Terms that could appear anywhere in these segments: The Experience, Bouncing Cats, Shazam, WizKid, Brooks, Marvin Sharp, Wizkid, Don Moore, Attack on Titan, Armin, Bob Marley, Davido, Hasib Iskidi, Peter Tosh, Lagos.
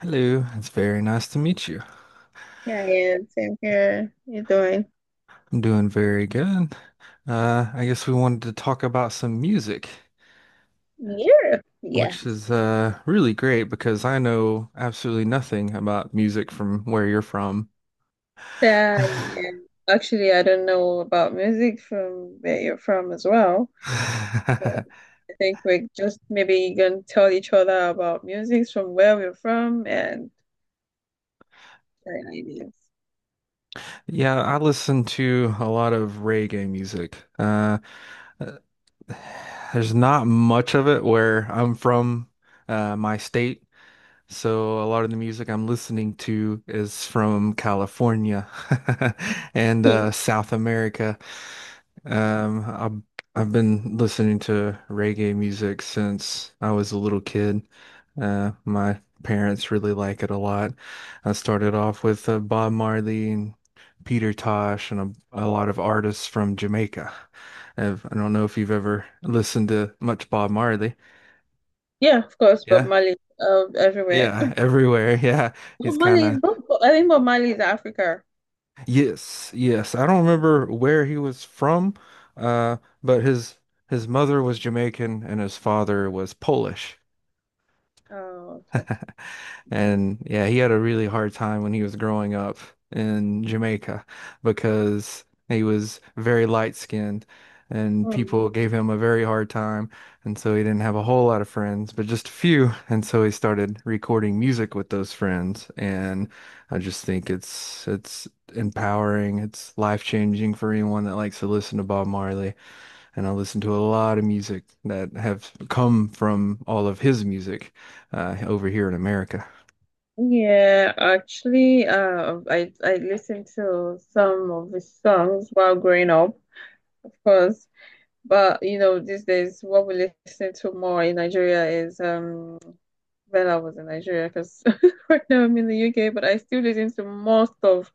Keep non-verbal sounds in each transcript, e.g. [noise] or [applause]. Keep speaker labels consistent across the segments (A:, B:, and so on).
A: Hello, it's very nice to meet you.
B: Yeah, yeah, same here. You doing
A: I'm doing very good. I guess we wanted to talk about some music,
B: Europe?
A: which is
B: Yes.
A: really great because I know absolutely nothing about music from where you're from.
B: Yeah, yeah. Actually, I don't know about music from where you're from as well. So
A: [laughs]
B: I think we're just maybe gonna tell each other about music from where we're from and share ideas. [laughs]
A: Yeah, I listen to a lot of reggae music. Uh, there's not much of it where I'm from, my state. So a lot of the music I'm listening to is from California [laughs] and
B: Mhm.
A: South America. Um, I've I've been listening to reggae music since I was a little kid. My parents really like it a lot. I started off with Bob Marley and Peter Tosh and a lot of artists from Jamaica. I don't know if you've ever listened to much Bob Marley.
B: Yeah, of course, Bob
A: Yeah,
B: Marley everywhere.
A: yeah,
B: [laughs]
A: everywhere. [laughs] Yeah, he's
B: Bob
A: kind
B: Marley is
A: of.
B: Bob, I think Bob Marley is Africa.
A: Yes, yes. I don't remember where he was from, uh, but his mother was Jamaican and his father was Polish.
B: Oh, okay.
A: And yeah, he had a really hard time when he was growing up in Jamaica because he was very light skinned and
B: Hmm.
A: people gave him a very hard time. And so he didn't have a whole lot of friends, but just a few. And so he started recording music with those friends. And I just think it's empowering, it's life changing for anyone that likes to listen to Bob Marley. And I listen to a lot of music that have come from all of his music over here in America.
B: Yeah, actually, I listened to some of his songs while growing up, of course. But you know, these days, what we listen to more in Nigeria is when I was in Nigeria, because [laughs] right now I'm in the UK, but I still listen to most of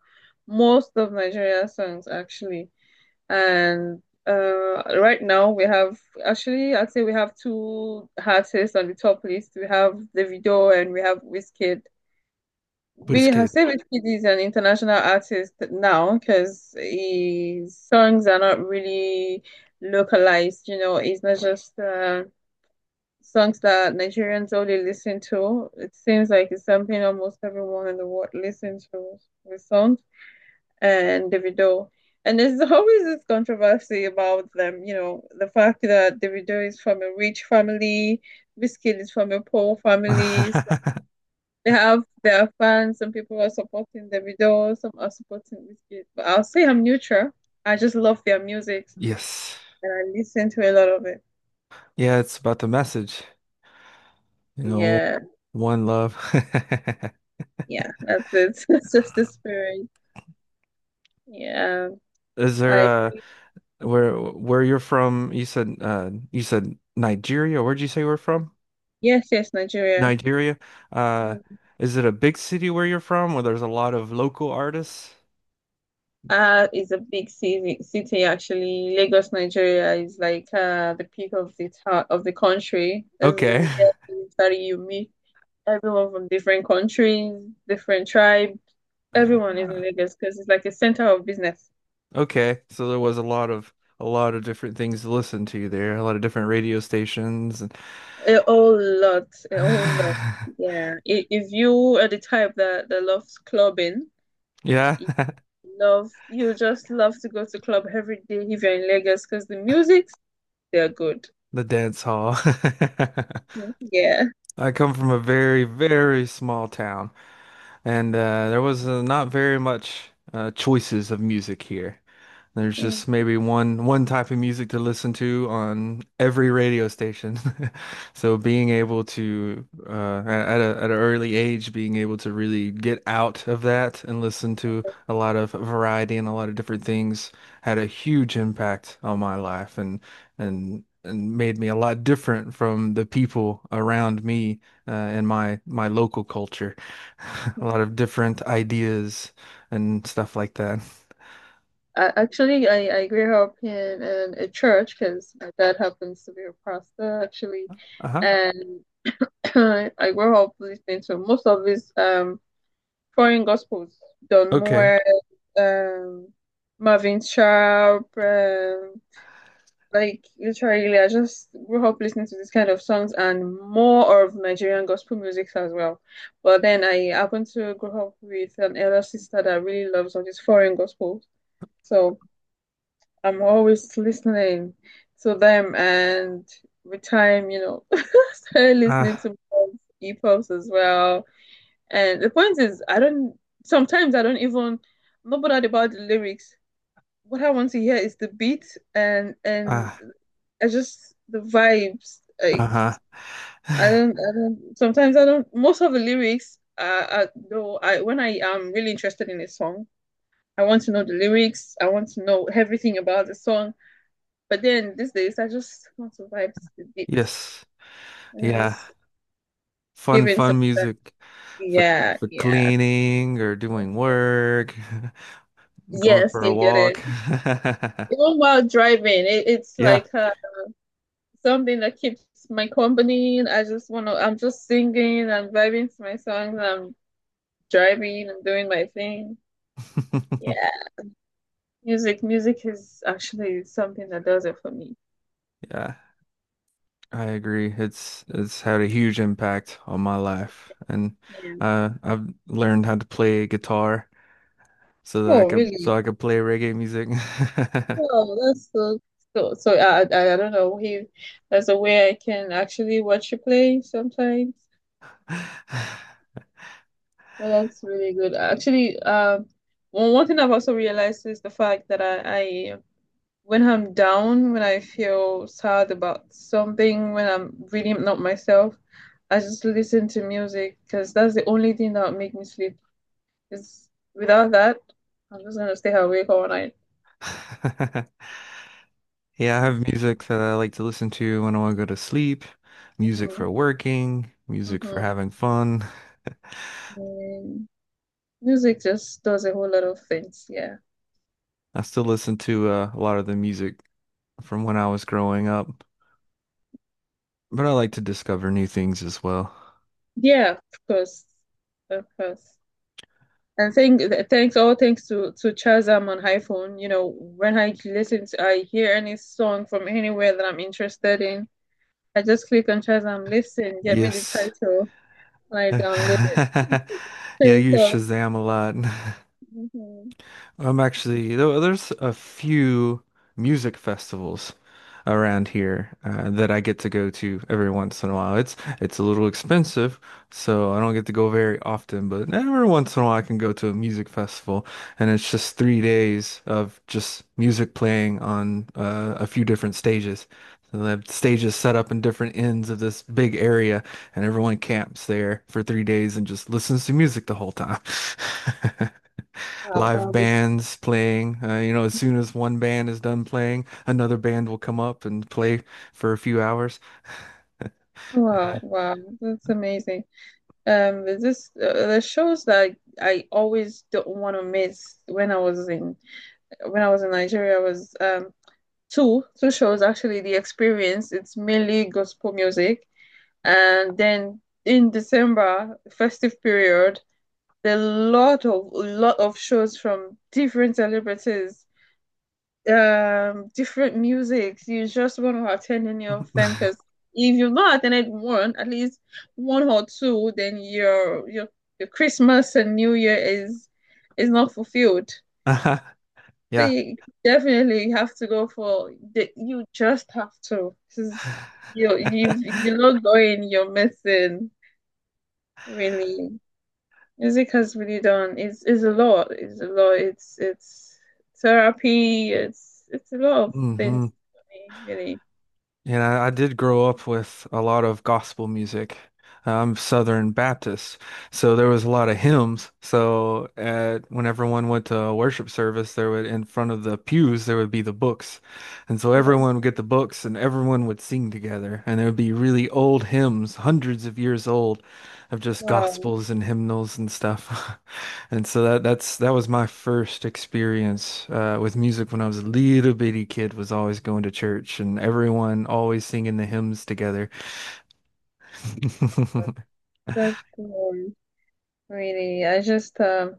B: most of Nigeria songs actually. And right now we have actually I'd say we have two artists on the top list. We have Davido and we have Wizkid. We
A: WizKid.
B: Hasib Iskidi is an international artist now because his songs are not really localized, you know, it's not just songs that Nigerians only listen to. It seems like it's something almost everyone in the world listens to the song and Davido. And there's [laughs] always this controversy about them, you know, the fact that Davido is from a rich family, Wizkid is from a poor family.
A: [laughs]
B: They have their fans. Some people are supporting the video. Some are supporting this kid. But I'll say I'm neutral. I just love their music
A: Yes.
B: and I listen to a lot of it.
A: Yeah, it's about the message, you know,
B: Yeah,
A: one love.
B: yeah, that's it. [laughs] That's just the spirit. Yeah,
A: [laughs] Is there
B: I
A: uh
B: agree.
A: where where you're from? You said Nigeria. Where'd you say you we're from?
B: Yes, yes, Nigeria.
A: Nigeria. Uh
B: Mm.
A: is it a big city where you're from where there's a lot of local artists?
B: Is a big city actually. Lagos, Nigeria is like the peak of the town of the country.
A: Okay. [laughs]
B: It's very unique. Everyone from different countries, different tribe,
A: Uh,
B: everyone is in Lagos because it's like a center of business.
A: okay. So there was a lot of different things to listen to there, a lot of different radio stations and.
B: A whole lot, a whole lot. Yeah. If you are the type that loves clubbing,
A: [sighs] Yeah.
B: you
A: [laughs]
B: love you just love to go to club every day if you're in Lagos because the musics they're good.
A: The dance hall. [laughs]
B: Yeah.
A: I come from a very, very small town, and there was not very much choices of music here. There's just
B: Mm.
A: maybe one type of music to listen to on every radio station. [laughs] So being able to at an early age, being able to really get out of that and listen to a lot of variety and a lot of different things had a huge impact on my life and and made me a lot different from the people around me in my local culture. [laughs] A lot of different ideas and stuff like that.
B: Actually, I grew up in a church because my dad happens to be a pastor actually,
A: Uh-huh.
B: and [clears throat] I grew up listening to most of his foreign gospels, Don
A: Okay.
B: Moore, um, Marvin Sharp, like literally, I just grew up listening to this kind of songs and more of Nigerian gospel music as well. But then I happened to grow up with an elder sister that really loves all these foreign gospels, so I'm always listening to them, and with time, you know, [laughs] started listening
A: Ah,
B: to hip hops as well and the point is, I don't, sometimes I don't even, I'm not bothered about the lyrics. What I want to hear is the beat and
A: ah,
B: I just the vibes. Like
A: uh-huh.
B: I don't, I don't. Sometimes I don't. Most of the lyrics, though, I when I am really interested in a song, I want to know the lyrics. I want to know everything about the song. But then these days, I just want to vibe to the beats
A: Yes.
B: and I
A: Yeah.
B: just
A: Fun,
B: give in some.
A: fun music for
B: Yeah, yeah.
A: cleaning or doing work, [laughs] going
B: Yes,
A: for a
B: you get
A: walk.
B: it.
A: [laughs]
B: Even while driving, it's
A: Yeah.
B: like something that keeps my company. And I'm just singing, I'm vibing to my songs, I'm driving, I'm doing my thing. Yeah.
A: [laughs]
B: Music is actually something that does it for me.
A: Yeah, I agree. It's had a huge impact on my life. And
B: Yeah.
A: I've learned how to play guitar so that
B: Oh, really?
A: I could play reggae music.
B: Oh, that's so, I don't know if there's a way I can actually watch you play sometimes. But that's really good. Actually, one thing I've also realized is the fact that I when I'm down, when I feel sad about something, when I'm really not myself, I just listen to music because that's the only thing that make me sleep. Because without that, I'm just gonna stay awake all night.
A: [laughs] [laughs] Yeah, I have music that I like to listen to when I want to go to sleep, music
B: Mhm,
A: for working, music for
B: mhm.
A: having fun.
B: Mm. Music just does a whole lot of things. Yeah,
A: I still listen to a lot of the music from when I was growing up, but I like to discover new things as well.
B: yeah, of course, of course. And thanks, all thanks to Chazam on iPhone. You know, when I hear any song from anywhere that I'm interested in. I just click on Shazam, listen, get me the
A: Yes.
B: title, and I download it.
A: [laughs] Yeah, I
B: Straight
A: use
B: up.
A: Shazam a lot. [laughs]
B: Mhm.
A: I'm actually there's a few music festivals around here that I get to go to every once in a while. It's a little expensive, so I don't get to go very often, but every once in a while I can go to a music festival, and it's just 3 days of just music playing on a few different stages. So they have stages set up in different ends of this big area, and everyone camps there for 3 days and just listens to music the whole time. [laughs]
B: Wow,
A: Live
B: that was.
A: bands playing. You know, as soon as one band is done playing, another band will come up and play for a few hours. [laughs]
B: Wow,
A: And,
B: wow, that's amazing. There's this the shows that I always don't want to miss when I was in Nigeria was two two shows actually. The Experience, it's mainly gospel music, and then in December festive period, there are a lot of shows from different celebrities different musics. You just want to attend any of them
A: uh,
B: because if you've not attended one, at least one or two, then your Christmas and New Year is not fulfilled.
A: [laughs] uh-huh,
B: So
A: yeah.
B: you definitely have to go for you just have to. 'Cause you if you're not going, you're missing really. Music has really done not it's a lot. It's a lot. It's therapy. It's a lot of
A: Hmm.
B: things for me, really.
A: And I did grow up with a lot of gospel music. I'm Southern Baptist, so there was a lot of hymns. So at when everyone went to worship service, there would, in front of the pews, there would be the books, and so
B: Oh.
A: everyone would get the books and everyone would sing together. And there would be really old hymns, hundreds of years old, of just
B: Wow,
A: gospels and hymnals and stuff. [laughs] And so that was my first experience with music when I was a little bitty kid, was always going to church and everyone always singing the hymns together. [laughs]
B: that's really.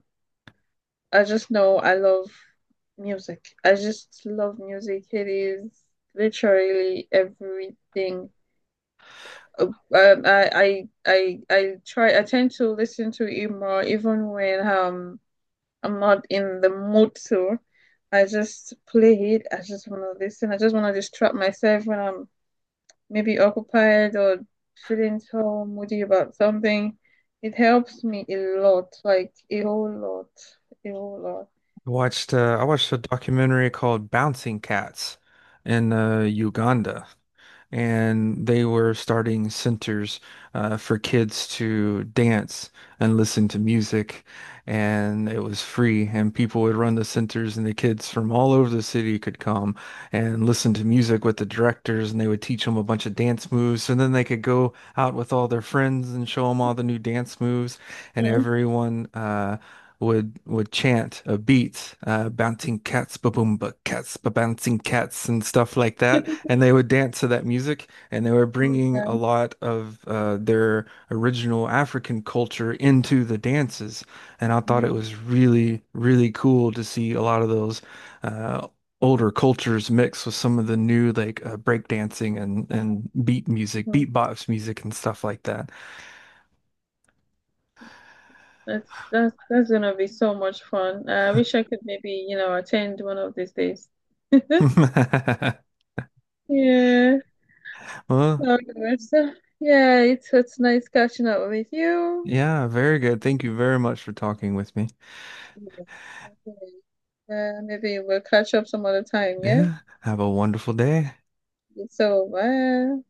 B: I just know I love music. I just love music. It is literally everything. Uh, Um, I I try. I tend to listen to it more, even when I'm not in the mood to. I just play it. I just want to listen. I just want to distract myself when I'm maybe occupied or feeling so moody about something. It helps me a lot, like a whole lot, a whole lot.
A: I watched a documentary called Bouncing Cats in Uganda. And they were starting centers for kids to dance and listen to music, and it was free. And people would run the centers, and the kids from all over the city could come and listen to music with the directors, and they would teach them a bunch of dance moves. And then they could go out with all their friends and show them all the new dance moves, and
B: Mm.
A: everyone would chant a beat, bouncing cats, ba-boomba cats, ba-bouncing cats, and stuff like that.
B: [laughs]
A: And they would dance to that music, and they were bringing a
B: Yeah.
A: lot of their original African culture into the dances. And I thought it
B: Mhm.
A: was really, really cool to see a lot of those uh, older cultures mixed with some of the new like break dancing and beat music,
B: Mhm.
A: beatbox music, and stuff like that.
B: That's gonna be so much fun. I wish I could maybe, you know, attend one of these days. [laughs]
A: [laughs]
B: Yeah.
A: Well,
B: Okay, so, yeah, it's nice catching up with you.
A: yeah, very good. Thank you very much for talking with me.
B: Yeah. Okay. Maybe we'll catch up some other time, yeah?
A: Yeah, have a wonderful day.
B: So, bye.